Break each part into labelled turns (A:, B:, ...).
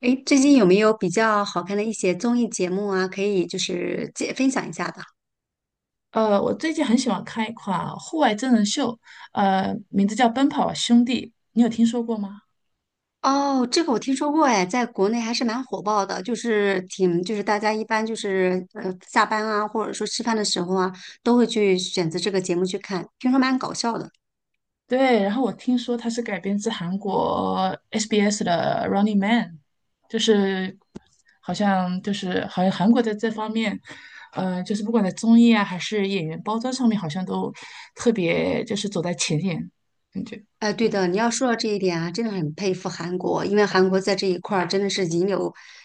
A: 哎，最近有没有比较好看的一些综艺节目啊？可以就是分享一下的。
B: 我最近很喜欢看一款户外真人秀，名字叫《奔跑吧兄弟》，你有听说过吗？
A: 哦，这个我听说过，哎，在国内还是蛮火爆的，就是就是大家一般就是下班啊，或者说吃饭的时候啊，都会去选择这个节目去看，听说蛮搞笑的。
B: 对，然后我听说它是改编自韩国 SBS 的《Running Man》，就是就是好像韩国在这方面，就是不管在综艺啊还是演员包装上面，好像都特别就是走在前沿，感觉。
A: 哎，对的，你要说到这一点啊，真的很佩服韩国，因为韩国在这一块儿真的是引领、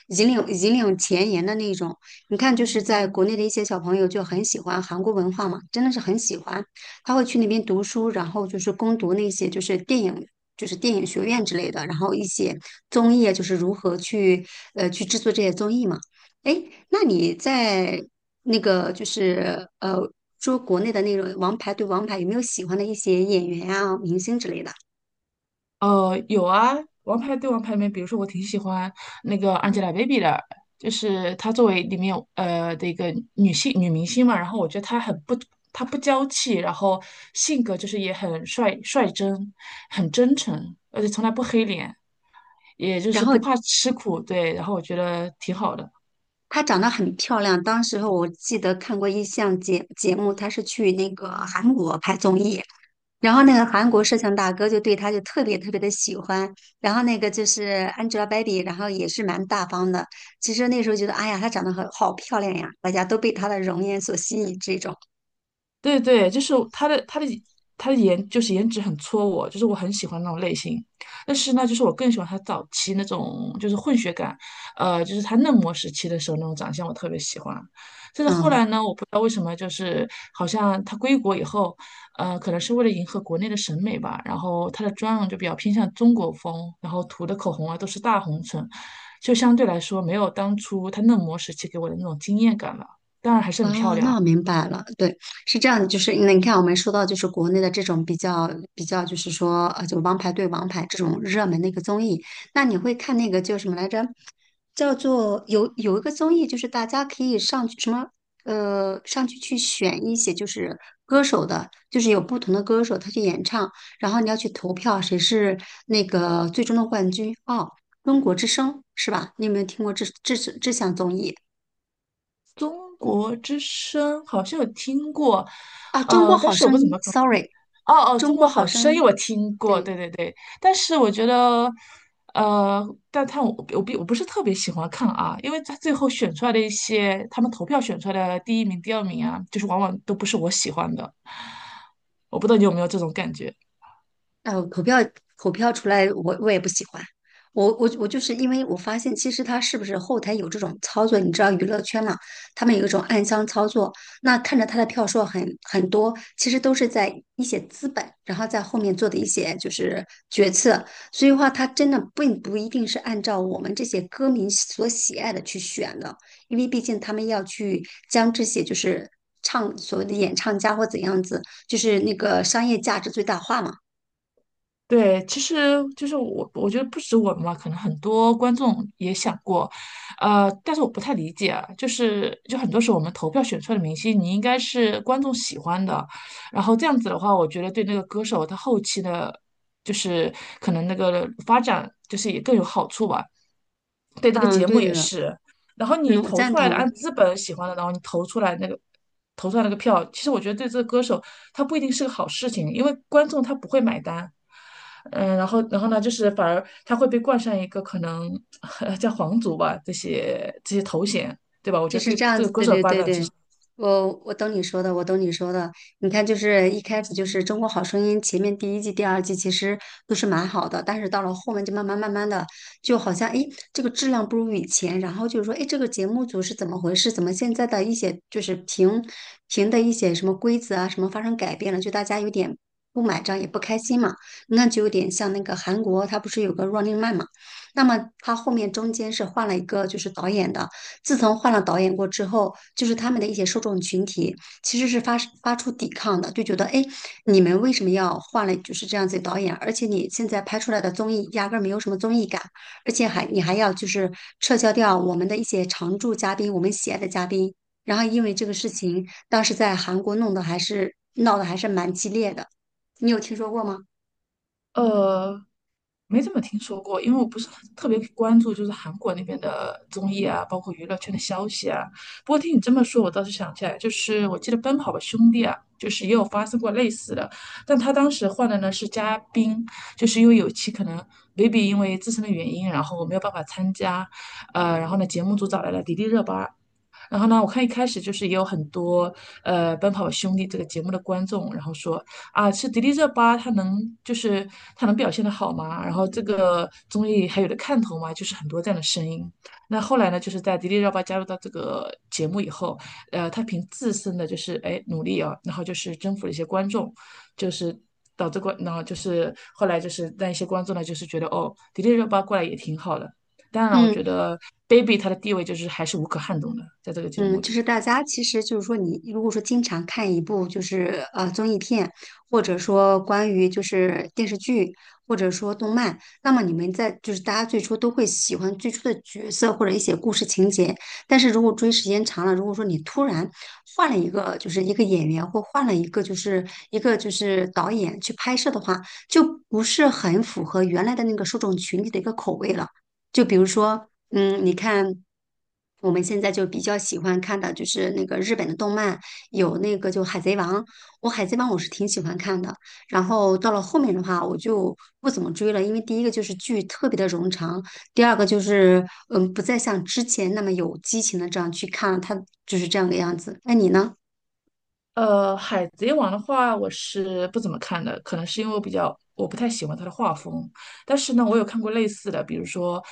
A: 引领、引领前沿的那种。你看，就是在国内的一些小朋友就很喜欢韩国文化嘛，真的是很喜欢，他会去那边读书，然后就是攻读那些就是电影。就是电影学院之类的，然后一些综艺啊，就是如何去制作这些综艺嘛。哎，那你在那个就是说国内的那种王牌对王牌，有没有喜欢的一些演员啊、明星之类的？
B: 有啊，《王牌对王牌》里面，比如说我挺喜欢那个 Angelababy 的，就是她作为里面有的一个女明星嘛，然后我觉得她不娇气，然后性格就是也很率真，很真诚，而且从来不黑脸，也就
A: 然
B: 是
A: 后
B: 不怕吃苦，对，然后我觉得挺好的。
A: 她长得很漂亮，当时候我记得看过一项节目，她是去那个韩国拍综艺，然后那个韩国摄像大哥就对她就特别特别的喜欢，然后那个就是 Angelababy,然后也是蛮大方的。其实那时候觉得，哎呀，她长得很好漂亮呀，大家都被她的容颜所吸引，这种，
B: 对对，就是他的颜就是颜值很戳我，就是我很喜欢那种类型。但是呢，就是我更喜欢他早期那种就是混血感，就是他嫩模时期的时候那种长相我特别喜欢。但是后
A: 嗯。
B: 来呢，我不知道为什么，就是好像他归国以后，可能是为了迎合国内的审美吧，然后他的妆容就比较偏向中国风，然后涂的口红啊都是大红唇，就相对来说没有当初他嫩模时期给我的那种惊艳感了。当然还是很漂
A: 哦，
B: 亮
A: 那
B: 啊。
A: 我明白了，对，是这样的，就是你看，我们说到就是国内的这种比较,就是说就王牌对王牌这种热门的一个综艺，那你会看那个叫什么来着？叫做有一个综艺，就是大家可以上去选一些就是歌手的，就是有不同的歌手他去演唱，然后你要去投票谁是那个最终的冠军哦，中国之声是吧？你有没有听过这项综艺？
B: 中国之声好像有听过，
A: 啊，《中国
B: 但
A: 好
B: 是我
A: 声
B: 不怎
A: 音》
B: 么搞。
A: ，sorry，
B: 哦哦，
A: 《中
B: 《中国
A: 国好
B: 好
A: 声
B: 声
A: 音》
B: 音》我听过，对
A: 对，
B: 对对，但是我觉得，呃，但他我并不是特别喜欢看啊，因为他最后选出来的一些，他们投票选出来的第一名、第二名啊，就是往往都不是我喜欢的，我不知道你有没有这种感觉。
A: 啊，口票出来我也不喜欢。我就是因为我发现，其实他是不是后台有这种操作？你知道娱乐圈嘛，他们有一种暗箱操作。那看着他的票数很多，其实都是在一些资本，然后在后面做的一些就是决策。所以话，他真的并不一定是按照我们这些歌迷所喜爱的去选的，因为毕竟他们要去将这些就是唱所谓的演唱家或怎样子，就是那个商业价值最大化嘛。
B: 对，其实就是我觉得不止我们嘛，可能很多观众也想过，但是我不太理解啊，就是很多时候我们投票选出来的明星，你应该是观众喜欢的，然后这样子的话，我觉得对那个歌手他后期的，就是可能那个发展就是也更有好处吧。对，这个
A: 嗯，
B: 节目
A: 对
B: 也
A: 的，
B: 是。然后你
A: 嗯，我
B: 投
A: 赞
B: 出来的，
A: 同。
B: 按资本喜欢的，然后你投出来那个票，其实我觉得对这个歌手，他不一定是个好事情，因为观众他不会买单。嗯，然后呢，就是反而他会被冠上一个可能 叫皇族吧，这些头衔，对吧？我觉
A: 就
B: 得
A: 是
B: 对
A: 这样
B: 这
A: 子，
B: 个歌
A: 对
B: 手
A: 对
B: 发
A: 对
B: 展其
A: 对，
B: 实，
A: 我懂你说的，我懂你说的。你看，就是一开始就是《中国好声音》前面第一季、第二季其实都是蛮好的，但是到了后面就慢慢慢慢的，就好像诶这个质量不如以前，然后就是说诶这个节目组是怎么回事？怎么现在的一些就是评的一些什么规则啊什么发生改变了？就大家有点不买账也不开心嘛，那就有点像那个韩国，它不是有个 Running Man 嘛？那么它后面中间是换了一个就是导演的。自从换了导演过之后，就是他们的一些受众群体其实是发出抵抗的，就觉得哎，你们为什么要换了就是这样子的导演？而且你现在拍出来的综艺压根儿没有什么综艺感，而且还你还要就是撤销掉我们的一些常驻嘉宾，我们喜爱的嘉宾。然后因为这个事情，当时在韩国弄得还是闹得还是蛮激烈的，你有听说过吗？
B: 呃，没怎么听说过，因为我不是很特别关注，就是韩国那边的综艺啊，包括娱乐圈的消息啊。不过听你这么说，我倒是想起来，就是我记得《奔跑吧兄弟》啊，就是也有发生过类似的，但他当时换的呢是嘉宾，就是因为有期可能 baby 因为自身的原因，然后没有办法参加，然后呢节目组找来了迪丽热巴，然后呢，我看一开始就是也有很多《奔跑吧兄弟》这个节目的观众，然后说啊，是迪丽热巴，就是她能表现得好吗？然后这个综艺还有的看头吗？就是很多这样的声音。那后来呢，就是在迪丽热巴加入到这个节目以后，她凭自身的就是哎努力啊，然后就是征服了一些观众，就是导致观，然后就是后来就是让一些观众呢，就是觉得哦，迪丽热巴过来也挺好的。当然，我
A: 嗯，
B: 觉得 Baby 他的地位就是还是无可撼动的，在这个节目
A: 嗯，就
B: 里。
A: 是大家其实就是说你，如果说经常看一部就是综艺片，或者说关于就是电视剧，或者说动漫，那么你们在就是大家最初都会喜欢最初的角色或者一些故事情节，但是如果追时间长了，如果说你突然换了一个就是一个演员或换了一个就是一个就是导演去拍摄的话，就不是很符合原来的那个受众群体的一个口味了。就比如说，你看，我们现在就比较喜欢看的就是那个日本的动漫，有那个就《海贼王》，我《海贼王》我是挺喜欢看的。然后到了后面的话，我就不怎么追了，因为第一个就是剧特别的冗长，第二个就是不再像之前那么有激情的这样去看了，它就是这样的样子。那你呢？
B: 海贼王的话，我是不怎么看的，可能是因为我比较我不太喜欢他的画风。但是呢，我有看过类似的，比如说，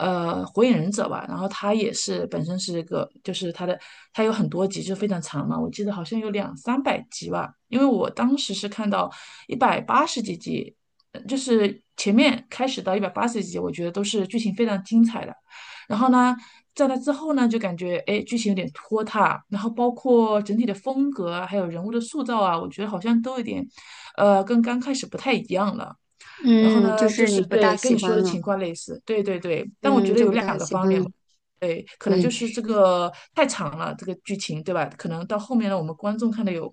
B: 火影忍者吧，然后他也是本身是一个，就是他有很多集，就非常长嘛，我记得好像有两三百集吧，因为我当时是看到一百八十几集，就是前面开始到一百八十几集，我觉得都是剧情非常精彩的。然后呢，在那之后呢，就感觉哎，诶剧情有点拖沓，然后包括整体的风格啊，还有人物的塑造啊，我觉得好像都有点，跟刚开始不太一样了。然后
A: 嗯，就
B: 呢，就
A: 是
B: 是
A: 你不大
B: 对跟
A: 喜
B: 你说
A: 欢
B: 的
A: 了，
B: 情况类似，对对对，但我
A: 嗯，
B: 觉得
A: 就
B: 有
A: 不
B: 两
A: 大
B: 个
A: 喜
B: 方
A: 欢
B: 面
A: 了。
B: 吧，对，可能
A: 对，
B: 就是这个太长了，这个剧情对吧？可能到后面呢，我们观众看的有，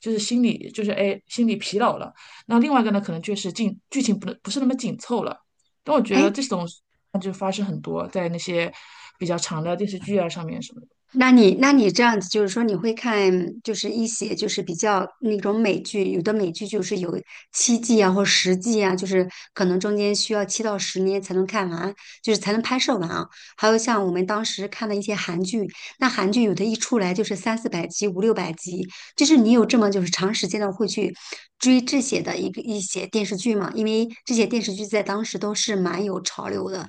B: 就是心里就是哎心里疲劳了。那另外一个呢，可能就是进剧情不是那么紧凑了。但我觉得
A: 哎，
B: 这种那就发生很多在那些比较长的电视剧啊上面什么的
A: 那你这样子，就是说你会看，就是一些就是比较那种美剧，有的美剧就是有7季啊或10季啊，就是可能中间需要7到10年才能看完，就是才能拍摄完啊。还有像我们当时看的一些韩剧，那韩剧有的一出来就是三四百集、五六百集，就是你有这么就是长时间的会去追这些的一些电视剧嘛？因为这些电视剧在当时都是蛮有潮流的，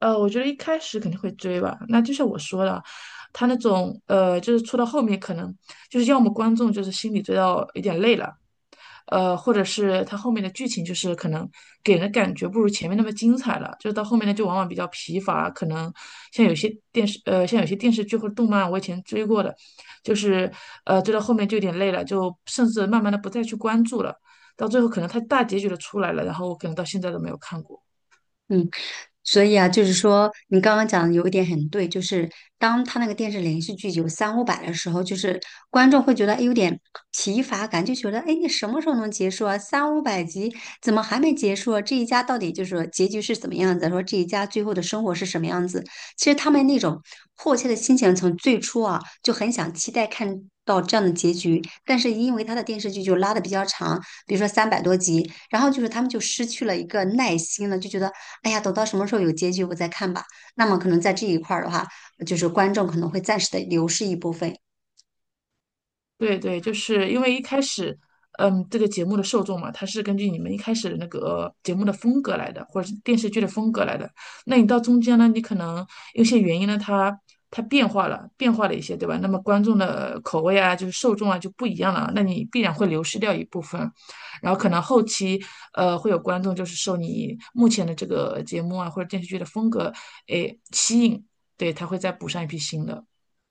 B: 我觉得一开始肯定会追吧。那就像我说的，他那种就是出到后面可能就是要么观众就是心里追到有点累了，或者是他后面的剧情就是可能给人的感觉不如前面那么精彩了，就是到后面呢就往往比较疲乏。可能像有些电视剧或者动漫，我以前追过的，就是追到后面就有点累了，就甚至慢慢的不再去关注了。到最后可能他大结局都出来了，然后我可能到现在都没有看过。
A: 嗯，所以啊，就是说你刚刚讲的有一点很对，就是当他那个电视连续剧有三五百的时候，就是观众会觉得哎有点疲乏感，就觉得哎你什么时候能结束啊？三五百集怎么还没结束啊？这一家到底就是说结局是怎么样子？说这一家最后的生活是什么样子？其实他们那种迫切的心情，从最初啊就很想期待看到这样的结局，但是因为他的电视剧就拉的比较长，比如说300多集，然后就是他们就失去了一个耐心了，就觉得哎呀，等到什么时候有结局我再看吧。那么可能在这一块儿的话，就是观众可能会暂时的流失一部分，
B: 对对，就是因为一开始，嗯，这个节目的受众嘛，它是根据你们一开始的那个节目的风格来的，或者是电视剧的风格来的。那你到中间呢，你可能有些原因呢，它变化了一些，对吧？那么观众的口味啊，就是受众啊就不一样了，那你必然会流失掉一部分。然后可能后期，会有观众就是受你目前的这个节目啊或者电视剧的风格，诶，吸引，对，他会再补上一批新的。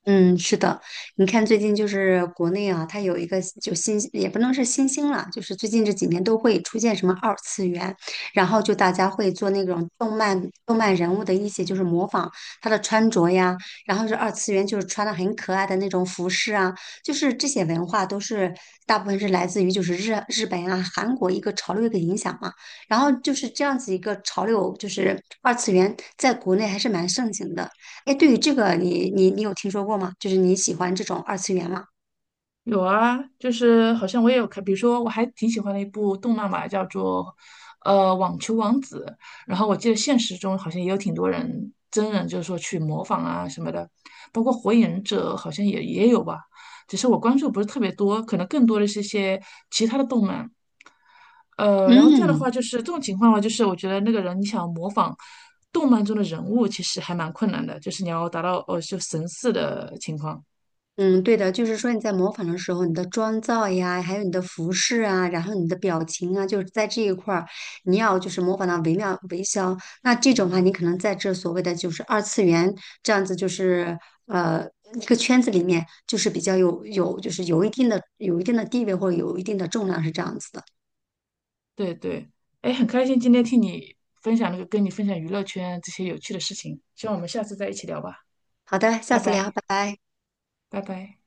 A: 嗯，是的，你看最近就是国内啊，它有一个就新，也不能是新兴了，就是最近这几年都会出现什么二次元，然后就大家会做那种动漫人物的一些就是模仿他的穿着呀，然后是二次元就是穿的很可爱的那种服饰啊，就是这些文化都是大部分是来自于就是日本啊、韩国一个潮流一个影响嘛，然后就是这样子一个潮流，就是二次元在国内还是蛮盛行的。哎，对于这个你，你有听说过吗？就是你喜欢这种二次元吗？
B: 有啊，就是好像我也有看，比如说我还挺喜欢的一部动漫嘛，叫做《网球王子》，然后我记得现实中好像也有挺多人真人就是说去模仿啊什么的，包括《火影忍者》好像也有吧，只是我关注不是特别多，可能更多的是一些其他的动漫。然后这样的话
A: 嗯
B: 就是这种情况的话，就是我觉得那个人你想模仿动漫中的人物，其实还蛮困难的，就是你要达到就神似的情况。
A: 嗯，对的，就是说你在模仿的时候，你的妆造呀，还有你的服饰啊，然后你的表情啊，就是在这一块儿，你要就是模仿到惟妙惟肖。那这种的话，你可能在这所谓的就是二次元这样子，就是呃一个圈子里面，就是比较有就是有一定的地位或者有一定的重量是这样子的。
B: 对对，哎，很开心今天听你分享那个跟你分享娱乐圈这些有趣的事情，希望我们下次再一起聊吧，
A: 好的，下
B: 拜
A: 次聊，
B: 拜，
A: 拜拜。
B: 拜拜。